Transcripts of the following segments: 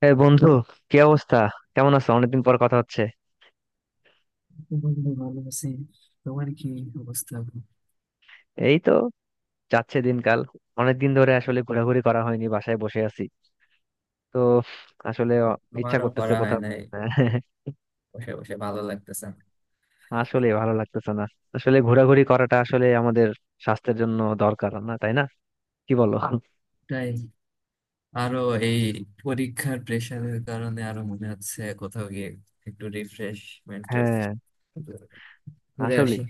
হ্যাঁ বন্ধু, কি অবস্থা? কেমন আছো? অনেকদিন পর কথা হচ্ছে। বন্ধু, ভালো আছি। তোমার কি অবস্থা? এই তো যাচ্ছে দিনকাল। অনেকদিন ধরে আসলে ঘোরাঘুরি করা হয়নি, বাসায় বসে আছি। তো আসলে ইচ্ছা আমারও করতেছে করা হয় কোথাও নাই। বসে বসে ভালো লাগতেছে না। আসলে ভালো লাগতেছে না। আসলে ঘোরাঘুরি করাটা আসলে আমাদের স্বাস্থ্যের জন্য দরকার না, তাই না? কি বলো? তাই আরো, এই পরীক্ষার প্রেশারের কারণে আরো মনে হচ্ছে কোথাও গিয়ে একটু রিফ্রেশমেন্টের হ্যাঁ, ঘুরে আসলে আসি।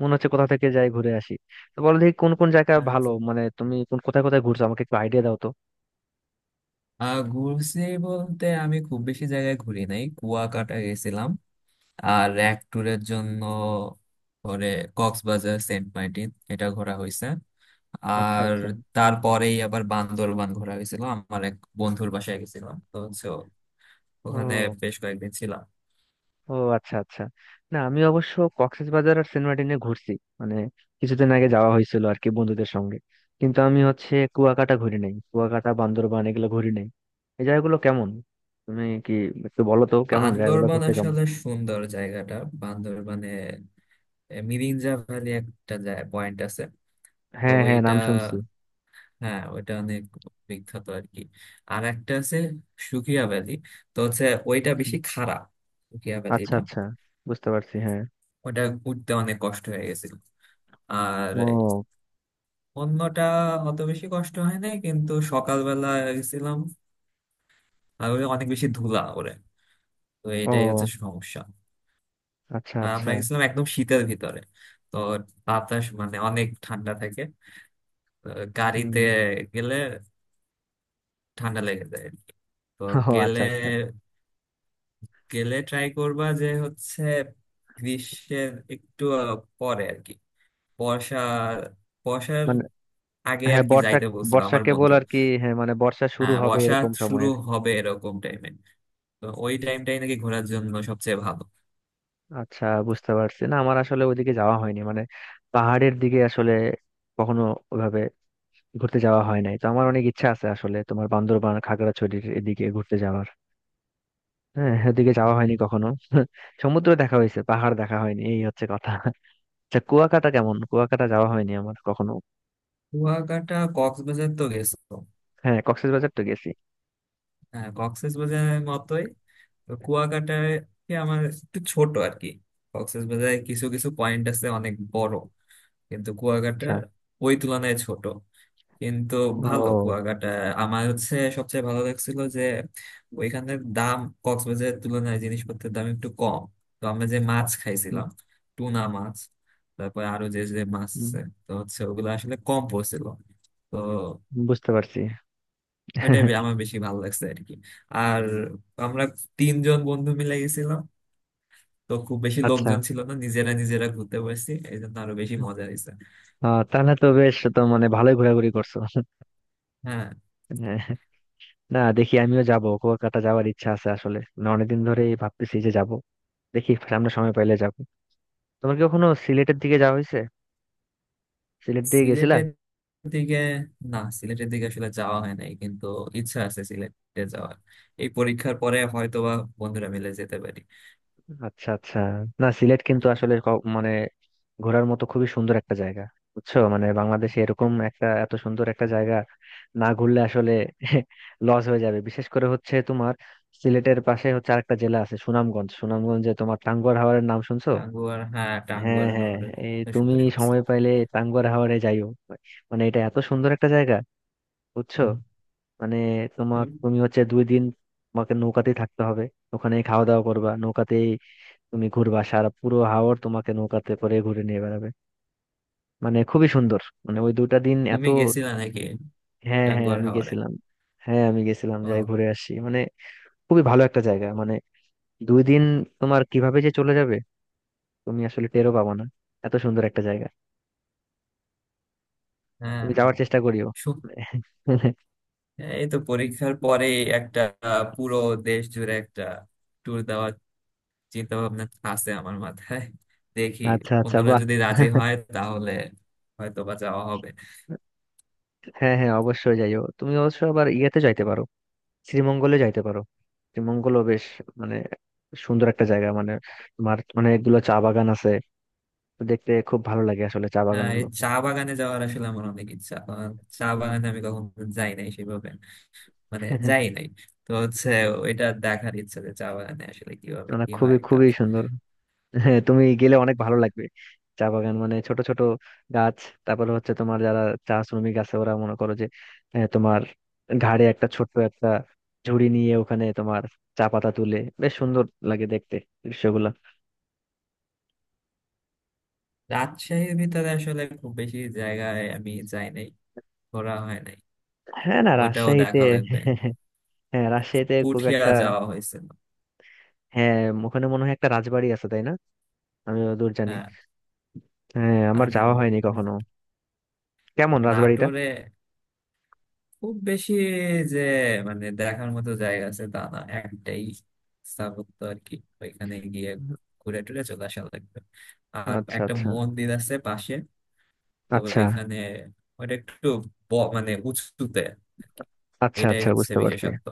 মনে হচ্ছে কোথা থেকে যাই ঘুরে আসি। তো বলো দেখি কোন কোন জায়গা হ্যাঁ, ভালো, মানে তুমি কোন কোথায় কোথায় ঘুরছো? আমাকে একটু আইডিয়া দাও তো। ঘুরছি বলতে আমি খুব বেশি জায়গায় ঘুরি নাই। কুয়াকাটা গেছিলাম আর এক ট্যুরের জন্য। পরে কক্সবাজার, সেন্ট মার্টিন এটা ঘোরা হয়েছে। আচ্ছা, আর আচ্ছা। তারপরেই আবার বান্দরবান ঘোরা হয়েছিল। আমার এক বন্ধুর বাসায় গেছিলাম, তো হচ্ছে ওখানে ও। বেশ কয়েকদিন ছিলাম। ও আচ্ছা, আচ্ছা। না, আমি অবশ্য কক্সবাজার আর সেন্ট মার্টিনে ঘুরছি। মানে কিছুদিন আগে যাওয়া হয়েছিল আর কি, বন্ধুদের সঙ্গে। কিন্তু আমি হচ্ছে কুয়াকাটা ঘুরি নাই, কুয়াকাটা বান্দরবান এগুলো ঘুরি নাই। এই জায়গাগুলো কেমন? তুমি কি একটু বলো তো কেমন, জায়গাগুলো বান্দরবান ঘুরতে কেমন? আসলে সুন্দর জায়গাটা। বান্দরবানে মিরিঞ্জা ভ্যালি একটা পয়েন্ট আছে। তো হ্যাঁ হ্যাঁ, ওইটা, নাম শুনছি। হ্যাঁ ওইটা অনেক বিখ্যাত আর কি। আর একটা আছে, সুকিয়া ভ্যালি। তো হচ্ছে ওইটা বেশি খাড়া, সুকিয়া আচ্ছা ভ্যালিটা। আচ্ছা, বুঝতে পারছি, হ্যাঁ। ওটা উঠতে অনেক কষ্ট হয়ে গেছিল। আর ও। অন্যটা অত বেশি কষ্ট হয় নাই, কিন্তু সকালবেলা গেছিলাম আর ওই অনেক বেশি ধুলা ওরে, তো এটাই হচ্ছে ও সমস্যা। আচ্ছা, আর আচ্ছা। আমরা গেছিলাম একদম শীতের ভিতরে, তো বাতাস মানে অনেক ঠান্ডা থাকে। তো হুম। গাড়িতে গেলে ঠান্ডা লেগে যায় আর কি। তো ও গেলে আচ্ছা, আচ্ছা। গেলে ট্রাই করবা যে হচ্ছে গ্রীষ্মের একটু পরে আর কি, বর্ষা, বর্ষার মানে আগে আর হ্যাঁ, কি বর্ষা। যাইতে বলছিল বর্ষা আমার কেবল বন্ধু। আর কি, হ্যাঁ। মানে বর্ষা শুরু হ্যাঁ, হবে বর্ষা এরকম সময় শুরু আর কি। হবে এরকম টাইমে। তো ওই টাইমটাই নাকি ঘোরার জন্য সবচেয়ে ভালো। আচ্ছা, বুঝতে পারছি। না আমার আসলে ওইদিকে যাওয়া হয়নি, মানে পাহাড়ের দিকে আসলে কখনো ওভাবে ঘুরতে যাওয়া হয় নাই। তো আমার অনেক ইচ্ছা আছে আসলে, তোমার বান্দরবান খাগড়াছড়ির এদিকে ঘুরতে যাওয়ার। হ্যাঁ, ওদিকে যাওয়া হয়নি কখনো সমুদ্র দেখা হয়েছে, পাহাড় দেখা হয়নি, এই হচ্ছে কথা আচ্ছা, কুয়াকাটা কেমন? কুয়াকাটা যাওয়া হয়নি আমার কখনো। কুয়াকাটা, কক্সবাজার তো গেছো। হ্যাঁ, কক্সবাজার তো গেছি। হ্যাঁ, কক্সেস বাজারের মতোই। তো কুয়াকাটায় কি, আমার একটু ছোট আর কি। কক্সেস বাজারে কিছু কিছু পয়েন্ট আছে অনেক বড়, কিন্তু কুয়াকাটা আচ্ছা। ওই তুলনায় ছোট। কিন্তু ভালো ও। কুয়াকাটা। আমার হচ্ছে সবচেয়ে ভালো লাগছিল যে ওইখানের দাম, কক্সবাজারের তুলনায় জিনিসপত্রের দাম একটু কম। তো আমরা যে মাছ হুম। খাইছিলাম, টুনা মাছ, তারপরে আরো যে যে মাছ হুম, আছে, তো হচ্ছে ওগুলো আসলে কম পড়ছিল। তো বুঝতে পারছি ওইটাই আমার বেশি ভালো লাগছে আর কি। আর আমরা তিনজন বন্ধু মিলে গেছিলাম, তো খুব বেশি আচ্ছা, লোকজন ছিল না, নিজেরা নিজেরা ঘুরতে পারছি, এই জন্য আরো বেশি মজা হয়েছে। আহ, তাহলে তো বেশ, তো মানে ভালোই ঘোরাঘুরি করছো হ্যাঁ, হ্যাঁ, না দেখি আমিও যাব, কলকাতা যাওয়ার ইচ্ছা আছে আসলে। মানে অনেকদিন ধরেই ভাবতেছি যে যাব। দেখি সামনে সময় পাইলে যাব। তোমার কি কখনো সিলেটের দিকে যাওয়া হয়েছে? সিলেট দিকে গেছিলা? সিলেটের দিকে? না, সিলেটের দিকে আসলে যাওয়া হয় নাই, কিন্তু ইচ্ছা আছে সিলেটে যাওয়ার। এই পরীক্ষার পরে হয়তোবা বন্ধুরা মিলে যেতে পারি। আচ্ছা, আচ্ছা। না সিলেট কিন্তু আসলে মানে ঘোরার মতো খুবই সুন্দর একটা জায়গা। বুঝছো, মানে বাংলাদেশে এরকম একটা এত সুন্দর একটা জায়গা না ঘুরলে আসলে লস হয়ে যাবে। বিশেষ করে হচ্ছে তোমার সিলেটের পাশে হচ্ছে আরেকটা জেলা আছে সুনামগঞ্জ। সুনামগঞ্জে তোমার টাঙ্গুয়ার হাওরের নাম শুনছো? হ্যাঁ, হ্যাঁ টাঙ্গুয়ার হ্যাঁ, হাওরে এই কথা তুমি শুনতে শুনছি। সময় পাইলে টাঙ্গুয়ার হাওরে যাইও। মানে এটা এত সুন্দর একটা জায়গা, বুঝছো। হুম। মানে তোমার তুমি তুমি হচ্ছে দুই দিন, তোমাকে নৌকাতেই থাকতে হবে। ওখানে খাওয়া দাওয়া করবা নৌকাতেই। তুমি ঘুরবা সারা পুরো হাওর, তোমাকে নৌকাতে করে ঘুরে নিয়ে বেড়াবে। মানে খুবই সুন্দর, মানে ওই দুটা দিন এত। তুমি গেছিলা নাকি হ্যাঁ হ্যাঁ, টাঙ্গুয়ার আমি হাওরে? গেছিলাম। হ্যাঁ আমি গেছিলাম, যাই ও ঘুরে আসি মানে। খুবই ভালো একটা জায়গা, মানে দুই দিন তোমার কিভাবে যে চলে যাবে তুমি আসলে টেরও পাবা না। এত সুন্দর একটা জায়গা, হ্যাঁ, তুমি হ্যাঁ। যাওয়ার চেষ্টা করিও হ্যাঁ, এই তো পরীক্ষার পরে একটা পুরো দেশ জুড়ে একটা ট্যুর দেওয়ার চিন্তা ভাবনা আছে আমার মাথায়। দেখি, আচ্ছা আচ্ছা, অন্যরা বাহ। যদি রাজি হয় তাহলে হয়তো বা যাওয়া হবে। হ্যাঁ হ্যাঁ, অবশ্যই যাইও। তুমি অবশ্য আবার ইয়েতে যাইতে পারো, শ্রীমঙ্গলে যাইতে পারো। শ্রীমঙ্গলও বেশ, মানে সুন্দর একটা জায়গা। মানে তোমার অনেকগুলো চা বাগান আছে, তো দেখতে খুব ভালো লাগে আসলে চা বাগান এই গুলো। চা বাগানে যাওয়ার আসলে আমার অনেক ইচ্ছা। চা বাগানে আমি কখনো যাই নাই সেভাবে, মানে যাই নাই। তো হচ্ছে ওইটা দেখার ইচ্ছা, যে চা বাগানে আসলে কিভাবে মানে কি খুবই হয় খুবই কাজ। সুন্দর। হ্যাঁ, তুমি গেলে অনেক ভালো লাগবে। চা বাগান মানে ছোট ছোট গাছ, তারপরে হচ্ছে তোমার যারা চা শ্রমিক আছে ওরা মনে করো যে তোমার ঘাড়ে একটা ছোট্ট একটা ঝুড়ি নিয়ে ওখানে তোমার চা পাতা তুলে, বেশ সুন্দর লাগে দেখতে দৃশ্যগুলো। রাজশাহীর ভিতরে আসলে খুব বেশি জায়গায় আমি যাই নাই, ঘোরা হয় নাই, হ্যাঁ, না ওইটাও রাজশাহীতে দেখা লাগবে। হ্যাঁ, রাজশাহীতে খুব পুঠিয়া একটা। যাওয়া হয়েছিল। হ্যাঁ, ওখানে মনে হয় একটা রাজবাড়ি আছে তাই না? আমি দূর জানি। হ্যাঁ। হ্যাঁ, আমার আর যাওয়া হয়নি কখনো। কেমন রাজবাড়িটা? নাটোরে খুব বেশি যে মানে দেখার মতো জায়গা আছে তা না, একটাই স্থাপত্য আর কি। ওইখানে গিয়ে ঘুরে টুরে চলে আসা লাগবে। আর আচ্ছা, একটা আচ্ছা। মন্দির আছে পাশে, তো আচ্ছা ওইখানে। ওটা একটু মানে উঁচুতে আর কি। আচ্ছা, এটাই আচ্ছা হচ্ছে বুঝতে পারছি। বিশেষত্ব।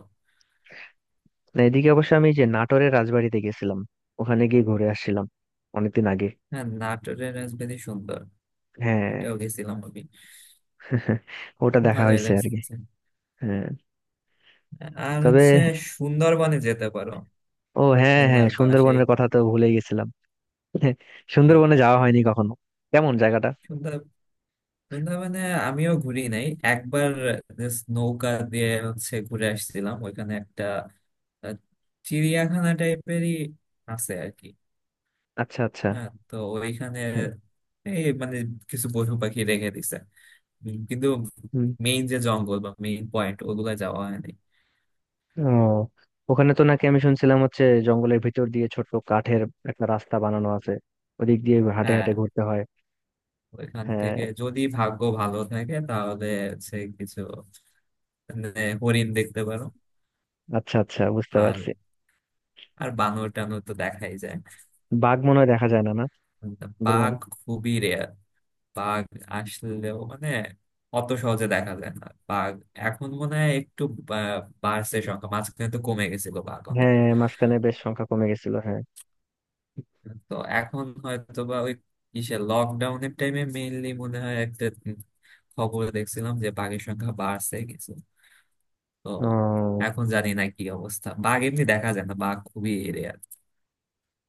না এদিকে অবশ্য আমি যে নাটোরের রাজবাড়িতে গেছিলাম, ওখানে গিয়ে ঘুরে আসছিলাম অনেকদিন আগে। হ্যাঁ, নাটোরের রাজবাড়ি সুন্দর, হ্যাঁ ওটাও গেছিলাম আমি। ওটা দেখা ভালোই হয়েছে আর কি। লাগছে। হ্যাঁ। আর তবে হচ্ছে সুন্দরবনে যেতে পারো, ও হ্যাঁ হ্যাঁ, খুলনার পাশেই। সুন্দরবনের কথা তো ভুলে গেছিলাম সুন্দরবনে যাওয়া হয়নি কখনো, কেমন জায়গাটা? হ্যাঁ, বৃন্দাবনে আমিও ঘুরি নাই। একবার just নৌকা দিয়ে হচ্ছে ঘুরে আসছিলাম ওইখানে, একটা আহ, চিড়িয়াখানা টাইপেরই আছে আর কি। আচ্ছা, আচ্ছা। হ্যাঁ, তো ওইখানে এই মানে কিছু পশু পাখি রেখে দিছে, কিন্তু হ্যাঁ। মেইন যে জঙ্গল বা মেইন পয়েন্ট ওগুলা যাওয়া হয়নি। ও, ওখানে তো নাকি আমি শুনছিলাম হচ্ছে জঙ্গলের ভিতর দিয়ে ছোট্ট কাঠের একটা রাস্তা বানানো আছে, ওদিক দিয়ে হাঁটে হ্যাঁ, হাঁটে ঘুরতে হয়। ওইখান হ্যাঁ, থেকে যদি ভাগ্য ভালো থাকে তাহলে হচ্ছে কিছু, মানে হরিণ দেখতে পারো। আচ্ছা আচ্ছা, বুঝতে আর পারছি। আর বানর টানর তো দেখাই যায়। বাঘ মনে হয় দেখা যায় না, না, বাঘ সুন্দরবনে? খুবই রেয়ার। বাঘ আসলেও মানে অত সহজে দেখা যায় না। বাঘ এখন মনে হয় একটু বা- বাড়ছে সংখ্যা, মাঝখানে তো কমে গেছিল বাঘ অনেক। হ্যাঁ, মাঝখানে বেশ সংখ্যা কমে গেছিল, হ্যাঁ। তো এখন হয়তো বা ওই কিসে লকডাউনের টাইমে মেইনলি মনে হয় একটা খবর দেখছিলাম যে বাঘের সংখ্যা বাড়ছে কিছু। তো ও, এখন জানি না কি অবস্থা, বাঘ এমনি দেখা যায় না, বাঘ খুবই এরিয়া।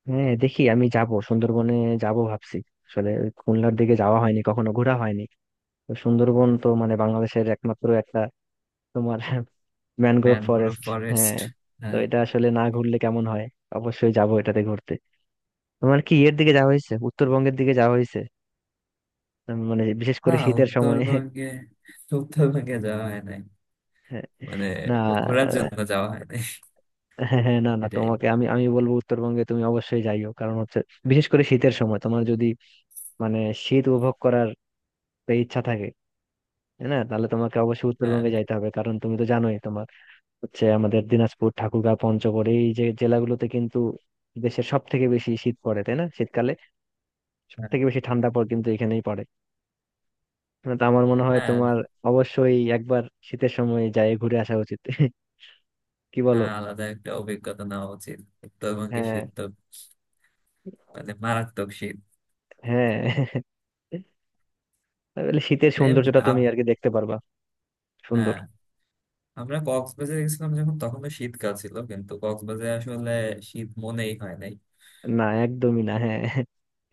হ্যাঁ দেখি আমি যাব সুন্দরবনে, যাব ভাবছি। আসলে ওই খুলনার দিকে যাওয়া হয়নি কখনো, ঘোরা হয়নি। তো সুন্দরবন তো মানে বাংলাদেশের একমাত্র একটা তোমার ম্যানগ্রোভ ম্যানগ্রোভ ফরেস্ট। ফরেস্ট। হ্যাঁ, তো হ্যাঁ। এটা আসলে না ঘুরলে কেমন হয়, অবশ্যই যাবো এটাতে ঘুরতে। তোমার কি ইয়ের দিকে যাওয়া হয়েছে, উত্তরবঙ্গের দিকে যাওয়া হয়েছে? মানে বিশেষ না, করে শীতের সময় উত্তরবঙ্গে উত্তরবঙ্গে যাওয়া হয় নাই, মানে না ঘোরার জন্য যাওয়া হয় নাই। হ্যাঁ হ্যাঁ, না না, এটাই। তোমাকে আমি আমি বলবো উত্তরবঙ্গে তুমি অবশ্যই যাইও। কারণ হচ্ছে বিশেষ করে শীতের সময় তোমার যদি মানে শীত উপভোগ করার ইচ্ছা থাকে, হ্যাঁ, না তাহলে তোমাকে অবশ্যই হ্যাঁ, উত্তরবঙ্গে যাইতে হবে। কারণ তুমি তো জানোই, তোমার হচ্ছে আমাদের দিনাজপুর ঠাকুরগাঁও পঞ্চগড় এই যে জেলাগুলোতে কিন্তু দেশের সব থেকে বেশি শীত পড়ে, তাই না? শীতকালে সব থেকে বেশি ঠান্ডা পড়ে কিন্তু এখানেই পড়ে। না তো আমার মনে হয় হ্যাঁ, তোমার অবশ্যই একবার শীতের সময় যায় ঘুরে আসা উচিত কি বলো? হ্যাঁ, আলাদা একটা অভিজ্ঞতা নেওয়া উচিত। উত্তরবঙ্গে হ্যাঁ শীত তো মানে মারাত্মক শীত। হ্যাঁ, তাহলে শীতের এই সৌন্দর্যটা তুমি আপ- আর কি দেখতে পারবা। সুন্দর। হ্যাঁ, আমরা কক্সবাজারে গেছিলাম যখন, তখন তো শীতকাল ছিল, কিন্তু কক্সবাজারে আসলে শীত মনেই হয় নাই। না একদমই না, হ্যাঁ।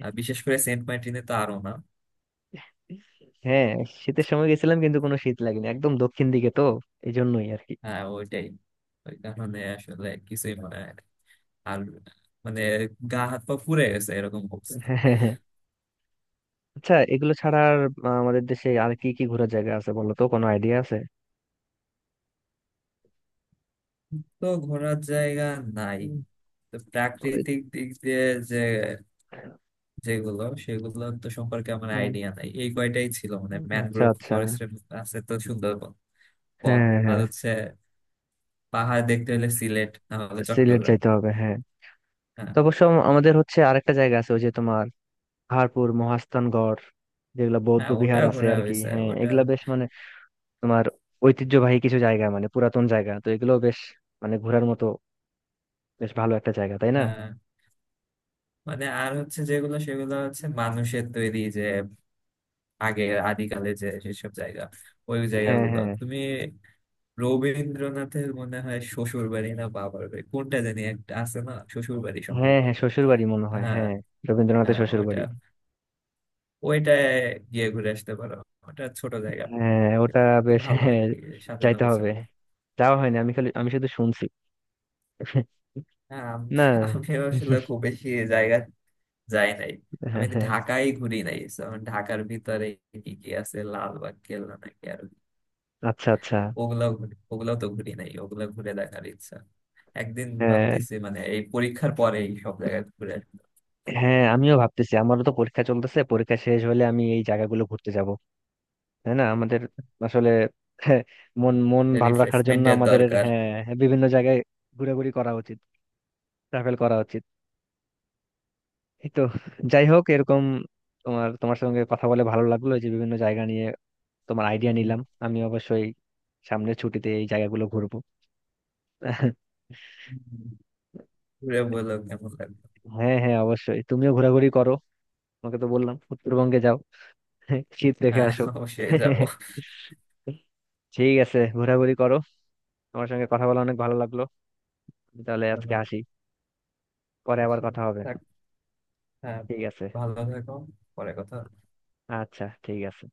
আর বিশেষ করে সেন্ট মার্টিনে তো আরো না। হ্যাঁ, শীতের সময় গেছিলাম কিন্তু কোনো শীত লাগেনি, একদম দক্ষিণ দিকে তো, এই জন্যই আর কি। হ্যাঁ, ওইটাই, ওই কারণে আসলে কিছুই মনে হয় না। আর মানে গা হাত পা পুড়ে গেছে এরকম অবস্থা। হ্যাঁ হ্যাঁ, হ্যাঁ। আচ্ছা, এগুলো ছাড়া আর আমাদের দেশে আর কি কি ঘোরার জায়গা আছে, বলো তো? কোনো আইডিয়া আছে? তো ঘোরার জায়গা নাই, হুম। তো ওই- প্রাকৃতিক দিক দিয়ে যে যেগুলো সেগুলো তো সম্পর্কে আমার হুম, আইডিয়া নাই। এই কয়টাই ছিল মানে আচ্ছা ম্যানগ্রোভ আচ্ছা। ফরেস্ট আছে, তো সুন্দরবন বন। হ্যাঁ আর হ্যাঁ, হচ্ছে পাহাড় দেখতে হলে সিলেট না হলে সিলেট চট্টগ্রাম। যাইতে হবে হ্যাঁ। হ্যাঁ, তো অবশ্য আমাদের হচ্ছে আরেকটা জায়গা আছে, ওই যে তোমার পাহাড়পুর মহাস্থানগড় যেগুলা বৌদ্ধ হ্যাঁ, ওটা বিহার আছে ঘোরা আর কি, হয়েছে হ্যাঁ, ওটা। এগুলা বেশ মানে তোমার ঐতিহ্যবাহী কিছু জায়গা। মানে পুরাতন জায়গা তো, এগুলো বেশ মানে ঘোরার মতো বেশ ভালো একটা জায়গা তাই না? হ্যাঁ মানে আর হচ্ছে যেগুলো সেগুলো হচ্ছে মানুষের তৈরি, যে আগে আদিকালে যে যেসব জায়গা, ওই হ্যাঁ জায়গাগুলো হ্যাঁ। তুমি। রবীন্দ্রনাথের মনে হয় শ্বশুর বাড়ি না বাবার বাড়ি, কোনটা জানি একটা আছে না, শ্বশুর বাড়ি হ্যাঁ সম্ভবত। হ্যাঁ, শ্বশুর বাড়ি মনে হয়, হ্যাঁ, হ্যাঁ, রবীন্দ্রনাথের হ্যাঁ, শ্বশুর ওটা বাড়ি। ওইটায় গিয়ে ঘুরে আসতে পারো। ওটা ছোট জায়গা, হ্যাঁ ওটা কিন্তু বেশ, ভালো আর হ্যাঁ। কি, সাজানো যাইতে হবে, গোছানো। যাওয়া হয়নি। আমি খালি, আমি শুধু শুনছি হ্যাঁ, না। আমি আসলে খুব বেশি জায়গা যাই নাই। আমি হ্যাঁ তো হ্যাঁ। ঢাকায় ঘুরি নাই। So, আমি ঢাকার ভিতরে কি কি আছে, লালবাগ কেল্লা নাকি আর আচ্ছা, আচ্ছা। ওগুলাও ওগুলাও তো ঘুরি নাই। ওগুলা ঘুরে দেখার ইচ্ছা, একদিন হ্যাঁ ভাবতেছি মানে এই পরীক্ষার পরে এই সব জায়গায় ঘুরে আসবো। হ্যাঁ, আমিও ভাবতেছি। আমারও তো পরীক্ষা চলতেছে, পরীক্ষা শেষ হলে আমি এই জায়গাগুলো ঘুরতে যাব, তাই না? আমাদের আসলে হ্যাঁ, মন মন ভালো রাখার জন্য রিফ্রেশমেন্টের আমাদের, দরকার। হ্যাঁ হ্যাঁ, বিভিন্ন জায়গায় ঘোরাঘুরি করা উচিত, ট্রাভেল করা উচিত। এই তো, যাই হোক, এরকম তোমার তোমার সঙ্গে কথা বলে ভালো লাগলো। এই যে বিভিন্ন জায়গা নিয়ে তোমার আইডিয়া উম, নিলাম। আমি অবশ্যই সামনের ছুটিতে এই জায়গাগুলো ঘুরবো ঘুরে বলো কেমন লাগবে। হ্যাঁ হ্যাঁ, অবশ্যই তুমিও ঘোরাঘুরি করো। তোমাকে তো বললাম উত্তরবঙ্গে যাও শীত দেখে হ্যাঁ, আসো। অবশ্যই যাবো। ঠিক আছে, ঘোরাঘুরি করো। আমার সঙ্গে কথা বলে অনেক ভালো লাগলো। আমি তাহলে আজকে আসি, পরে আবার কথা হবে। হ্যাঁ, ঠিক আছে। ভালো থাকো। পরে কথা। আচ্ছা, ঠিক আছে।